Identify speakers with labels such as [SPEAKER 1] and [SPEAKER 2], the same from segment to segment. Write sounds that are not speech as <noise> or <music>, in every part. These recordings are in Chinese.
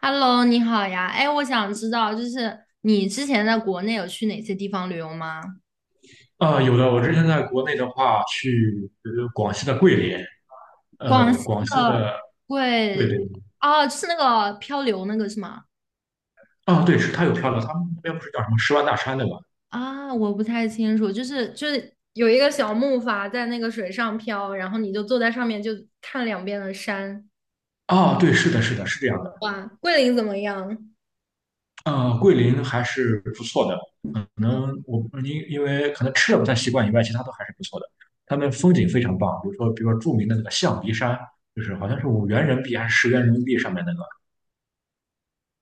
[SPEAKER 1] Hello，你好呀。哎，我想知道，你之前在国内有去哪些地方旅游吗？
[SPEAKER 2] 啊、有的。我之前在国内的话，去广西的桂林，
[SPEAKER 1] 广
[SPEAKER 2] 呃，
[SPEAKER 1] 西
[SPEAKER 2] 广西
[SPEAKER 1] 的
[SPEAKER 2] 的，对
[SPEAKER 1] 贵，
[SPEAKER 2] 对。
[SPEAKER 1] 哦，就是那个漂流那个是吗？
[SPEAKER 2] 啊，对，是它有沙乐，他们那边不是叫什么十万大山对吗？
[SPEAKER 1] 啊，我不太清楚，就是有一个小木筏在那个水上漂，然后你就坐在上面就看两边的山。
[SPEAKER 2] 啊，对，是的，是的，是这样的。
[SPEAKER 1] 哇，桂林怎么样？
[SPEAKER 2] 呃，桂林还是不错的，可能我因为可能吃的不太习惯以外，其他都还是不错的。他们风景非常棒，比如说，比如说著名的那个象鼻山，就是好像是5元人民币还是10元人民币上面那个。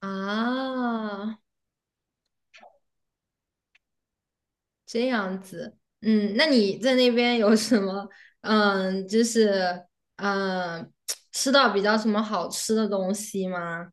[SPEAKER 1] 啊，这样子，嗯，那你在那边有什么，嗯，就是嗯，吃到比较什么好吃的东西吗？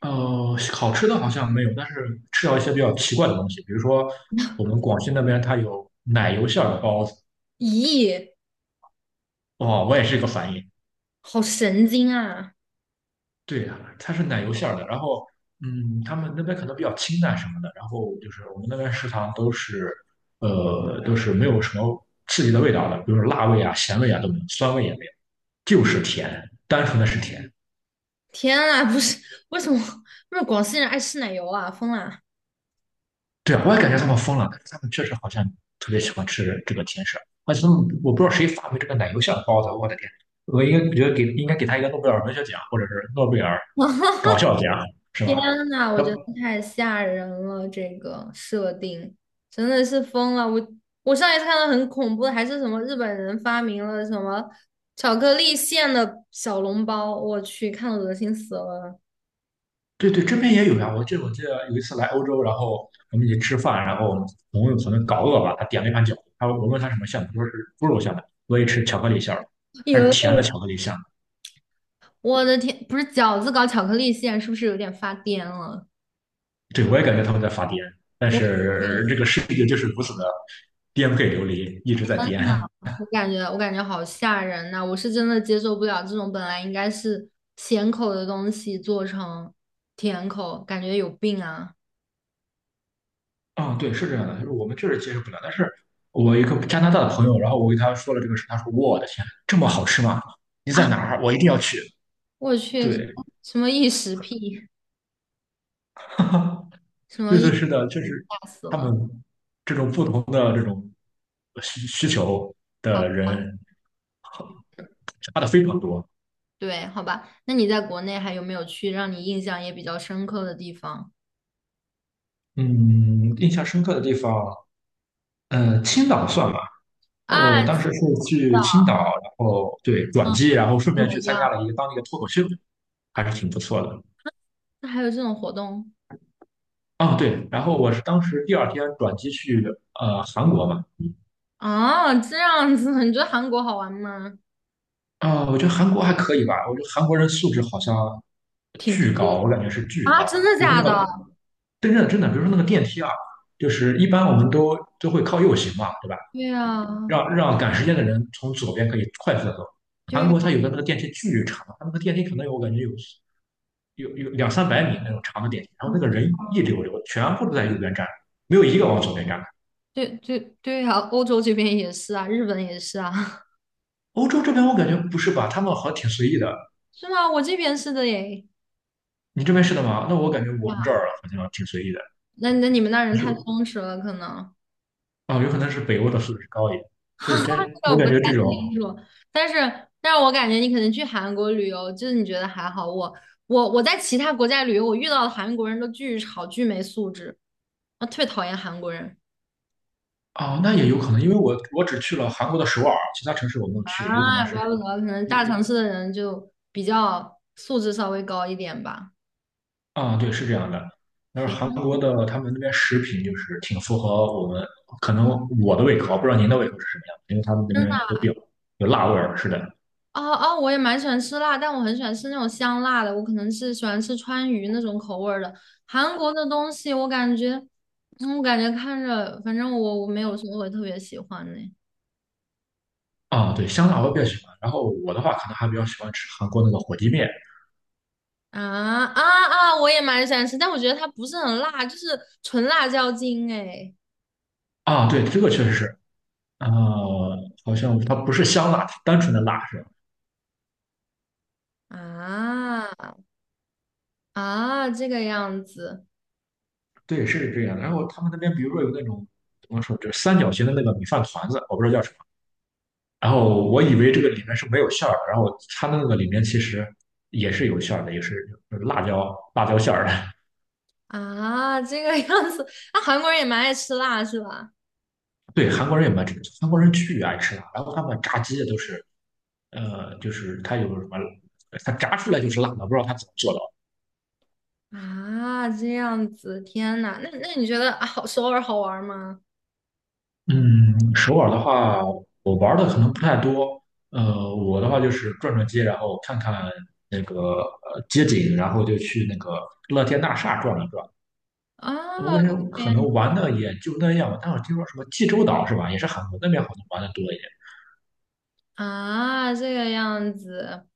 [SPEAKER 2] 呃，好吃的好像没有，但是吃到一些比较奇怪的东西，比如说我们广西那边它有奶油馅儿的包子。
[SPEAKER 1] 咦，
[SPEAKER 2] 哦，我也是一个反应。
[SPEAKER 1] 好神经啊！
[SPEAKER 2] 对呀，它是奶油馅儿的，然后他们那边可能比较清淡什么的，然后就是我们那边食堂都是都是没有什么刺激的味道的，比如说辣味啊、咸味啊都没有，酸味也没有，就是甜，单纯的是甜。
[SPEAKER 1] 天啊，不是，为什么 <laughs> 广西人爱吃奶油啊？疯了！
[SPEAKER 2] 对，我也感觉他们疯了，但是他们确实好像特别喜欢吃这个甜食，而且他们我不知道谁发明这个奶油馅的包子。我的天，我应该觉得给应该给他一个诺贝尔文学奖或者是诺贝尔搞笑奖，是
[SPEAKER 1] 天
[SPEAKER 2] 吧？
[SPEAKER 1] 呐，我
[SPEAKER 2] 他
[SPEAKER 1] 觉得太吓人了，这个设定真的是疯了。我上一次看到很恐怖的，还是什么日本人发明了什么巧克力馅的小笼包，我去，看得恶心死了。
[SPEAKER 2] 对对，这边也有呀，我记得有一次来欧洲，然后我们一起吃饭，然后我们朋友可能搞饿吧，他点了一盘饺子，他我问他什么馅的他说是猪肉馅的，我也吃巧克力馅儿，还是甜的
[SPEAKER 1] 哟，
[SPEAKER 2] 巧克力馅。
[SPEAKER 1] 我的天，不是饺子搞巧克力馅，是不是有点发癫了？
[SPEAKER 2] 对，我也感觉他们在发癫，但
[SPEAKER 1] 我
[SPEAKER 2] 是这个世界就是如此的颠沛流离，一直在颠。
[SPEAKER 1] 我感觉好吓人呐、我是真的接受不了这种本来应该是咸口的东西做成甜口，感觉有病啊！
[SPEAKER 2] 啊、对，是这样的，就是我们确实接受不了。但是我一个加拿大的朋友，然后我给他说了这个事，他说：“我的天，这么好吃吗？你
[SPEAKER 1] 啊，
[SPEAKER 2] 在哪儿？我一定要去。”
[SPEAKER 1] 我去，什
[SPEAKER 2] 对，
[SPEAKER 1] 么什么异食癖，
[SPEAKER 2] <laughs>
[SPEAKER 1] 什么
[SPEAKER 2] 对
[SPEAKER 1] 异
[SPEAKER 2] 对，
[SPEAKER 1] 食
[SPEAKER 2] 是的，就是
[SPEAKER 1] 吓死
[SPEAKER 2] 他
[SPEAKER 1] 了。
[SPEAKER 2] 们这种不同的需求
[SPEAKER 1] 好，
[SPEAKER 2] 的人差的非常多。
[SPEAKER 1] 对，好吧。那你在国内还有没有去让你印象也比较深刻的地方
[SPEAKER 2] 嗯，印象深刻的地方，呃，青岛算吗？我
[SPEAKER 1] 啊？
[SPEAKER 2] 当时是
[SPEAKER 1] 知道
[SPEAKER 2] 去青岛，然后对转
[SPEAKER 1] 嗯，
[SPEAKER 2] 机，然后顺
[SPEAKER 1] 怎
[SPEAKER 2] 便
[SPEAKER 1] 么
[SPEAKER 2] 去参加
[SPEAKER 1] 样？
[SPEAKER 2] 了一个当地的脱口秀，还是挺不错的。
[SPEAKER 1] 那还有这种活动
[SPEAKER 2] 啊，对，然后我是当时第二天转机去韩国嘛。
[SPEAKER 1] 啊？这样子，你觉得韩国好玩吗？
[SPEAKER 2] 啊，我觉得韩国还可以吧，我觉得韩国人素质好像
[SPEAKER 1] 挺低
[SPEAKER 2] 巨
[SPEAKER 1] 调
[SPEAKER 2] 高，
[SPEAKER 1] 的
[SPEAKER 2] 我感觉是巨
[SPEAKER 1] 啊？
[SPEAKER 2] 高。
[SPEAKER 1] 真的
[SPEAKER 2] 比如
[SPEAKER 1] 假
[SPEAKER 2] 说那
[SPEAKER 1] 的？
[SPEAKER 2] 个，真的真的，比如说那个电梯啊，就是一般我们都会靠右行嘛，对吧？
[SPEAKER 1] 对啊，
[SPEAKER 2] 让赶时间的人从左边可以快速的走。
[SPEAKER 1] 对
[SPEAKER 2] 韩
[SPEAKER 1] 啊，
[SPEAKER 2] 国它有的那个电梯巨长，它那个电梯可能有我感觉有两三百米那种长的电梯，然后那个人一
[SPEAKER 1] 嗯，
[SPEAKER 2] 溜溜，全部都在右边站，没有一个往左边站。
[SPEAKER 1] 对对对啊，欧洲这边也是啊，日本也是啊，<laughs>
[SPEAKER 2] 欧洲这边我感觉不是吧，他们好像挺随意的。
[SPEAKER 1] 是吗？我这边是的耶。
[SPEAKER 2] 你这边是的吗？那我感觉我们这
[SPEAKER 1] 啊，
[SPEAKER 2] 儿好像挺随意的。
[SPEAKER 1] 那那你们那人
[SPEAKER 2] 但是
[SPEAKER 1] 太松弛了，可能。
[SPEAKER 2] 啊、有可能是北欧的素质高一点。对，
[SPEAKER 1] <laughs>
[SPEAKER 2] 但
[SPEAKER 1] 这个
[SPEAKER 2] 我
[SPEAKER 1] 不
[SPEAKER 2] 感
[SPEAKER 1] 太
[SPEAKER 2] 觉这种
[SPEAKER 1] 清楚，但是但是我感觉你可能去韩国旅游，就是你觉得还好。我我在其他国家旅游，我遇到的韩国人都巨吵、巨没素质，我特别讨厌韩国人
[SPEAKER 2] 啊、那也有可能，因为我只去了韩国的首尔，其他城市我没有去，有可能
[SPEAKER 1] 啊，
[SPEAKER 2] 是。
[SPEAKER 1] 怪不得可能大城市的人就比较素质稍微高一点吧。
[SPEAKER 2] 啊，对，是这样的。但是
[SPEAKER 1] 天，
[SPEAKER 2] 韩国的他们那边食品就是挺符合我们，可能我的胃口，不知道您的胃口是什么样的，因为他们那
[SPEAKER 1] 真
[SPEAKER 2] 边
[SPEAKER 1] 的
[SPEAKER 2] 都比较有辣味儿，是的。
[SPEAKER 1] 哦哦，我也蛮喜欢吃辣，但我很喜欢吃那种香辣的，我可能是喜欢吃川渝那种口味儿的。韩国的东西我感觉，嗯我感觉看着，反正我没有什么会特别喜欢的。
[SPEAKER 2] 啊，对，香辣我比较喜欢。然后我的话，可能还比较喜欢吃韩国那个火鸡面。
[SPEAKER 1] 啊啊啊！我也蛮喜欢吃，但我觉得它不是很辣，就是纯辣椒精哎。
[SPEAKER 2] 啊，对，这个确实是。啊、好像它不是香辣，单纯的辣是吧？
[SPEAKER 1] 啊啊，
[SPEAKER 2] 对，是这样的。然后他们那边，比如说有那种怎么说，就是三角形的那个米饭团子，我不知道叫什么。然后我以为这个里面是没有馅儿的，然后它的那个里面其实也是有馅儿的，也是那个辣椒馅儿的。
[SPEAKER 1] 这个样子。那、韩国人也蛮爱吃辣是吧？
[SPEAKER 2] 对，韩国人也蛮吃，韩国人巨爱吃辣，然后他们炸鸡都是。呃，就是它有什么，它炸出来就是辣的，不知道它怎么做到。
[SPEAKER 1] 啊，这样子，天呐，那那你觉得啊好首尔好玩吗？
[SPEAKER 2] 嗯，首尔的话，我玩的可能不太多。呃，我的话就是转转街，然后看看那个街景，然后就去那个乐天大厦转一转。
[SPEAKER 1] 啊，
[SPEAKER 2] 我跟你说，
[SPEAKER 1] 这
[SPEAKER 2] 可
[SPEAKER 1] 样
[SPEAKER 2] 能玩的也就那样吧。但我听说什么济州岛是吧，也是韩国那边好像玩的多一点。
[SPEAKER 1] 啊，这个样子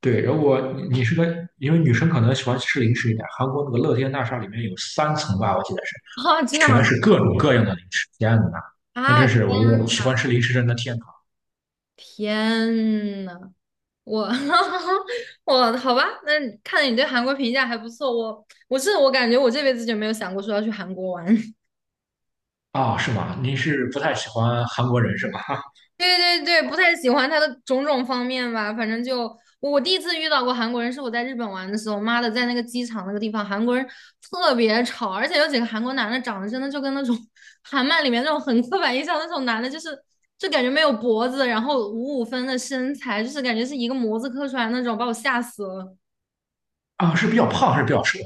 [SPEAKER 2] 对，如果你你是个，因为女生可能喜欢吃零食一点，韩国那个乐天大厦里面有3层吧，我记得是，
[SPEAKER 1] 啊，这样
[SPEAKER 2] 全是各种各样的零食。天哪，那
[SPEAKER 1] 啊，
[SPEAKER 2] 真是我
[SPEAKER 1] 天
[SPEAKER 2] 就喜
[SPEAKER 1] 呐
[SPEAKER 2] 欢吃零食人的天
[SPEAKER 1] 天呐，我 <laughs> 我好吧，那你看来你对韩国评价还不错。我是我感觉我这辈子就没有想过说要去韩国玩。<laughs>
[SPEAKER 2] 堂啊。是吗？您是不太喜欢韩国人是吧？<laughs>
[SPEAKER 1] 对对对，不太喜欢他的种种方面吧。反正就我我第一次遇到过韩国人，是我在日本玩的时候，妈的，在那个机场那个地方，韩国人特别吵，而且有几个韩国男的长得真的就跟那种 <laughs> 韩漫里面那种很刻板印象那种男的，就感觉没有脖子，然后五五分的身材，就是感觉是一个模子刻出来那种，把我吓死了。
[SPEAKER 2] 啊，是比较胖，还是比较瘦，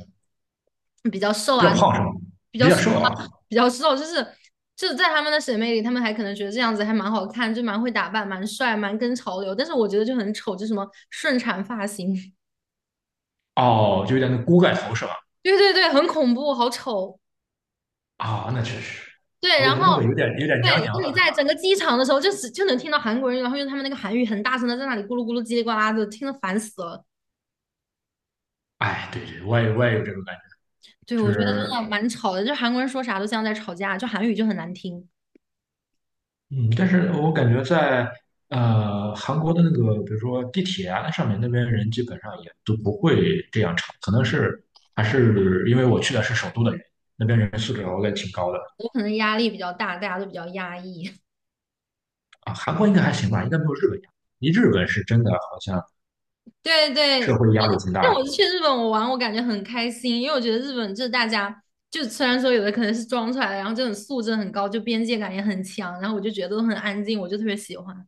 [SPEAKER 1] 比较瘦
[SPEAKER 2] 比较
[SPEAKER 1] 啊，
[SPEAKER 2] 胖是吗？比较瘦啊？
[SPEAKER 1] 比较瘦，就是在他们的审美里，他们还可能觉得这样子还蛮好看，就蛮会打扮，蛮帅，蛮跟潮流。但是我觉得就很丑，就什么顺产发型，
[SPEAKER 2] 哦，就有点那锅盖头是吧？
[SPEAKER 1] <laughs> 对对对，很恐怖，好丑。
[SPEAKER 2] 啊，那确实，
[SPEAKER 1] 对，
[SPEAKER 2] 我感觉那个有点娘
[SPEAKER 1] 然后
[SPEAKER 2] 娘的。
[SPEAKER 1] 你在整个机场的时候，就能听到韩国人，然后用他们那个韩语很大声的在那里咕噜咕噜叽里呱啦的，听得烦死了。
[SPEAKER 2] 哎，对对，我也有这种感觉，
[SPEAKER 1] 对，
[SPEAKER 2] 就
[SPEAKER 1] 我觉得
[SPEAKER 2] 是。
[SPEAKER 1] 真的蛮吵的，就韩国人说啥都像在吵架，就韩语就很难听，
[SPEAKER 2] 嗯，但是我感觉在韩国的那个，比如说地铁啊，那上面那边人基本上也都不会这样吵，可能是还是因为我去的是首都的原因，那边人素质我感觉挺高的。
[SPEAKER 1] 我可能压力比较大，大家都比较压抑。
[SPEAKER 2] 啊，韩国应该还行吧，应该没有日本压力，日本是真的好像
[SPEAKER 1] 对
[SPEAKER 2] 社
[SPEAKER 1] 对，
[SPEAKER 2] 会压力挺
[SPEAKER 1] 但
[SPEAKER 2] 大
[SPEAKER 1] 我
[SPEAKER 2] 的。
[SPEAKER 1] 去日本我玩，我感觉很开心，因为我觉得日本就是大家，就虽然说有的可能是装出来的，然后这种素质很高，就边界感也很强，然后我就觉得都很安静，我就特别喜欢。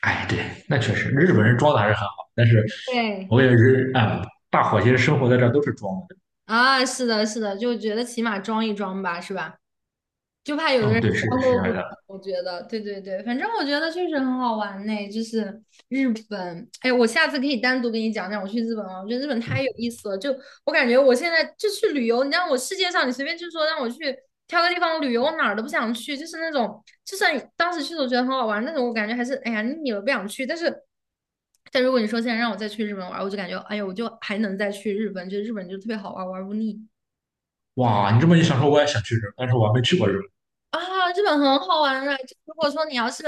[SPEAKER 2] 哎，对，那确实，日本人装的还是很好，但是
[SPEAKER 1] 对，
[SPEAKER 2] 我也是啊，大伙其实生活在这儿都是装的。
[SPEAKER 1] 啊，是的，是的，就觉得起码装一装吧，是吧？就怕有的
[SPEAKER 2] 嗯，
[SPEAKER 1] 人
[SPEAKER 2] 对，
[SPEAKER 1] 消
[SPEAKER 2] 是这
[SPEAKER 1] 作不
[SPEAKER 2] 样
[SPEAKER 1] 懂，
[SPEAKER 2] 的。
[SPEAKER 1] 我觉得，对对对，反正我觉得确实很好玩呢，日本，哎，我下次可以单独跟你讲讲我去日本啊，我觉得日本太有意思了，我感觉我现在就去旅游，你让我世界上你随便就说让我去挑个地方旅游，我哪儿都不想去，就是那种，就算你当时去的时候觉得很好玩，那种我感觉还是哎呀腻了不想去，但是。但如果你说现在让我再去日本玩我就感觉，哎呀，我就还能再去日本，就日本就特别好玩玩不腻。
[SPEAKER 2] 哇，你这么一想说，我也想去日本，但是我还没去过日本。
[SPEAKER 1] 啊，日本很好玩的。就如果说你要是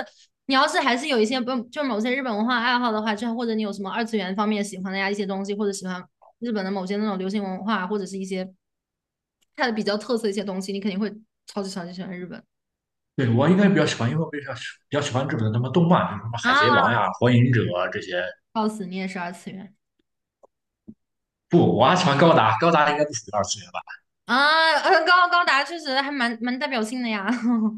[SPEAKER 1] 你要是还是有一些不就是某些日本文化爱好的话，就或者你有什么二次元方面喜欢的呀一些东西，或者喜欢日本的某些那种流行文化，或者是一些它的比较特色一些东西，你肯定会超级超级喜欢日本
[SPEAKER 2] 对，我应该比较喜欢，因为我比较喜比较喜欢日本的什么动漫，比如什么《海贼王》
[SPEAKER 1] 啊！
[SPEAKER 2] 呀、《火影忍者》这些。
[SPEAKER 1] 告诉你也是二次元
[SPEAKER 2] 不，我还喜欢高达，高达应该不属于二次元吧？
[SPEAKER 1] 啊，呃高达确实还蛮代表性的呀。<laughs>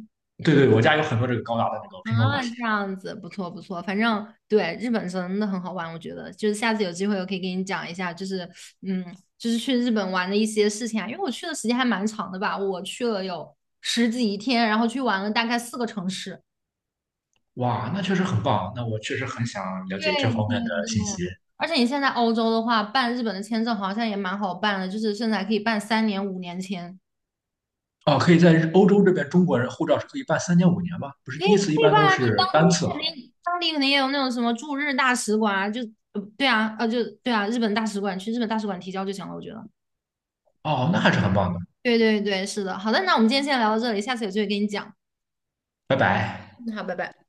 [SPEAKER 2] 对对，我家有很多这个高达的那个拼装模
[SPEAKER 1] 啊，
[SPEAKER 2] 型。
[SPEAKER 1] 这样子不错不错，反正对日本真的很好玩，我觉得就是下次有机会我可以给你讲一下，嗯，就是去日本玩的一些事情啊，因为我去的时间还蛮长的吧，我去了有十几天，然后去玩了大概4个城市。
[SPEAKER 2] 哇，那确实很棒，那我确实很想了
[SPEAKER 1] 对
[SPEAKER 2] 解这方面的
[SPEAKER 1] 对
[SPEAKER 2] 信
[SPEAKER 1] 对，
[SPEAKER 2] 息。
[SPEAKER 1] 而且你现在欧洲的话，办日本的签证好像也蛮好办的，就是甚至还可以办3年、5年签。
[SPEAKER 2] 哦，可以在日欧洲这边，中国人护照是可以办3年、5年吗？不是
[SPEAKER 1] 也
[SPEAKER 2] 第一次一
[SPEAKER 1] 对
[SPEAKER 2] 般都
[SPEAKER 1] 吧？你
[SPEAKER 2] 是
[SPEAKER 1] 当
[SPEAKER 2] 单
[SPEAKER 1] 地
[SPEAKER 2] 次吗？
[SPEAKER 1] 肯定，当地肯定也有那种什么驻日大使馆啊，就对啊，日本大使馆去日本大使馆提交就行了，我觉得。
[SPEAKER 2] 哦，那还是很棒的。
[SPEAKER 1] 对对对，是的。好的，那我们今天先聊到这里，下次有机会跟你讲。
[SPEAKER 2] 拜拜。
[SPEAKER 1] 嗯好，拜拜。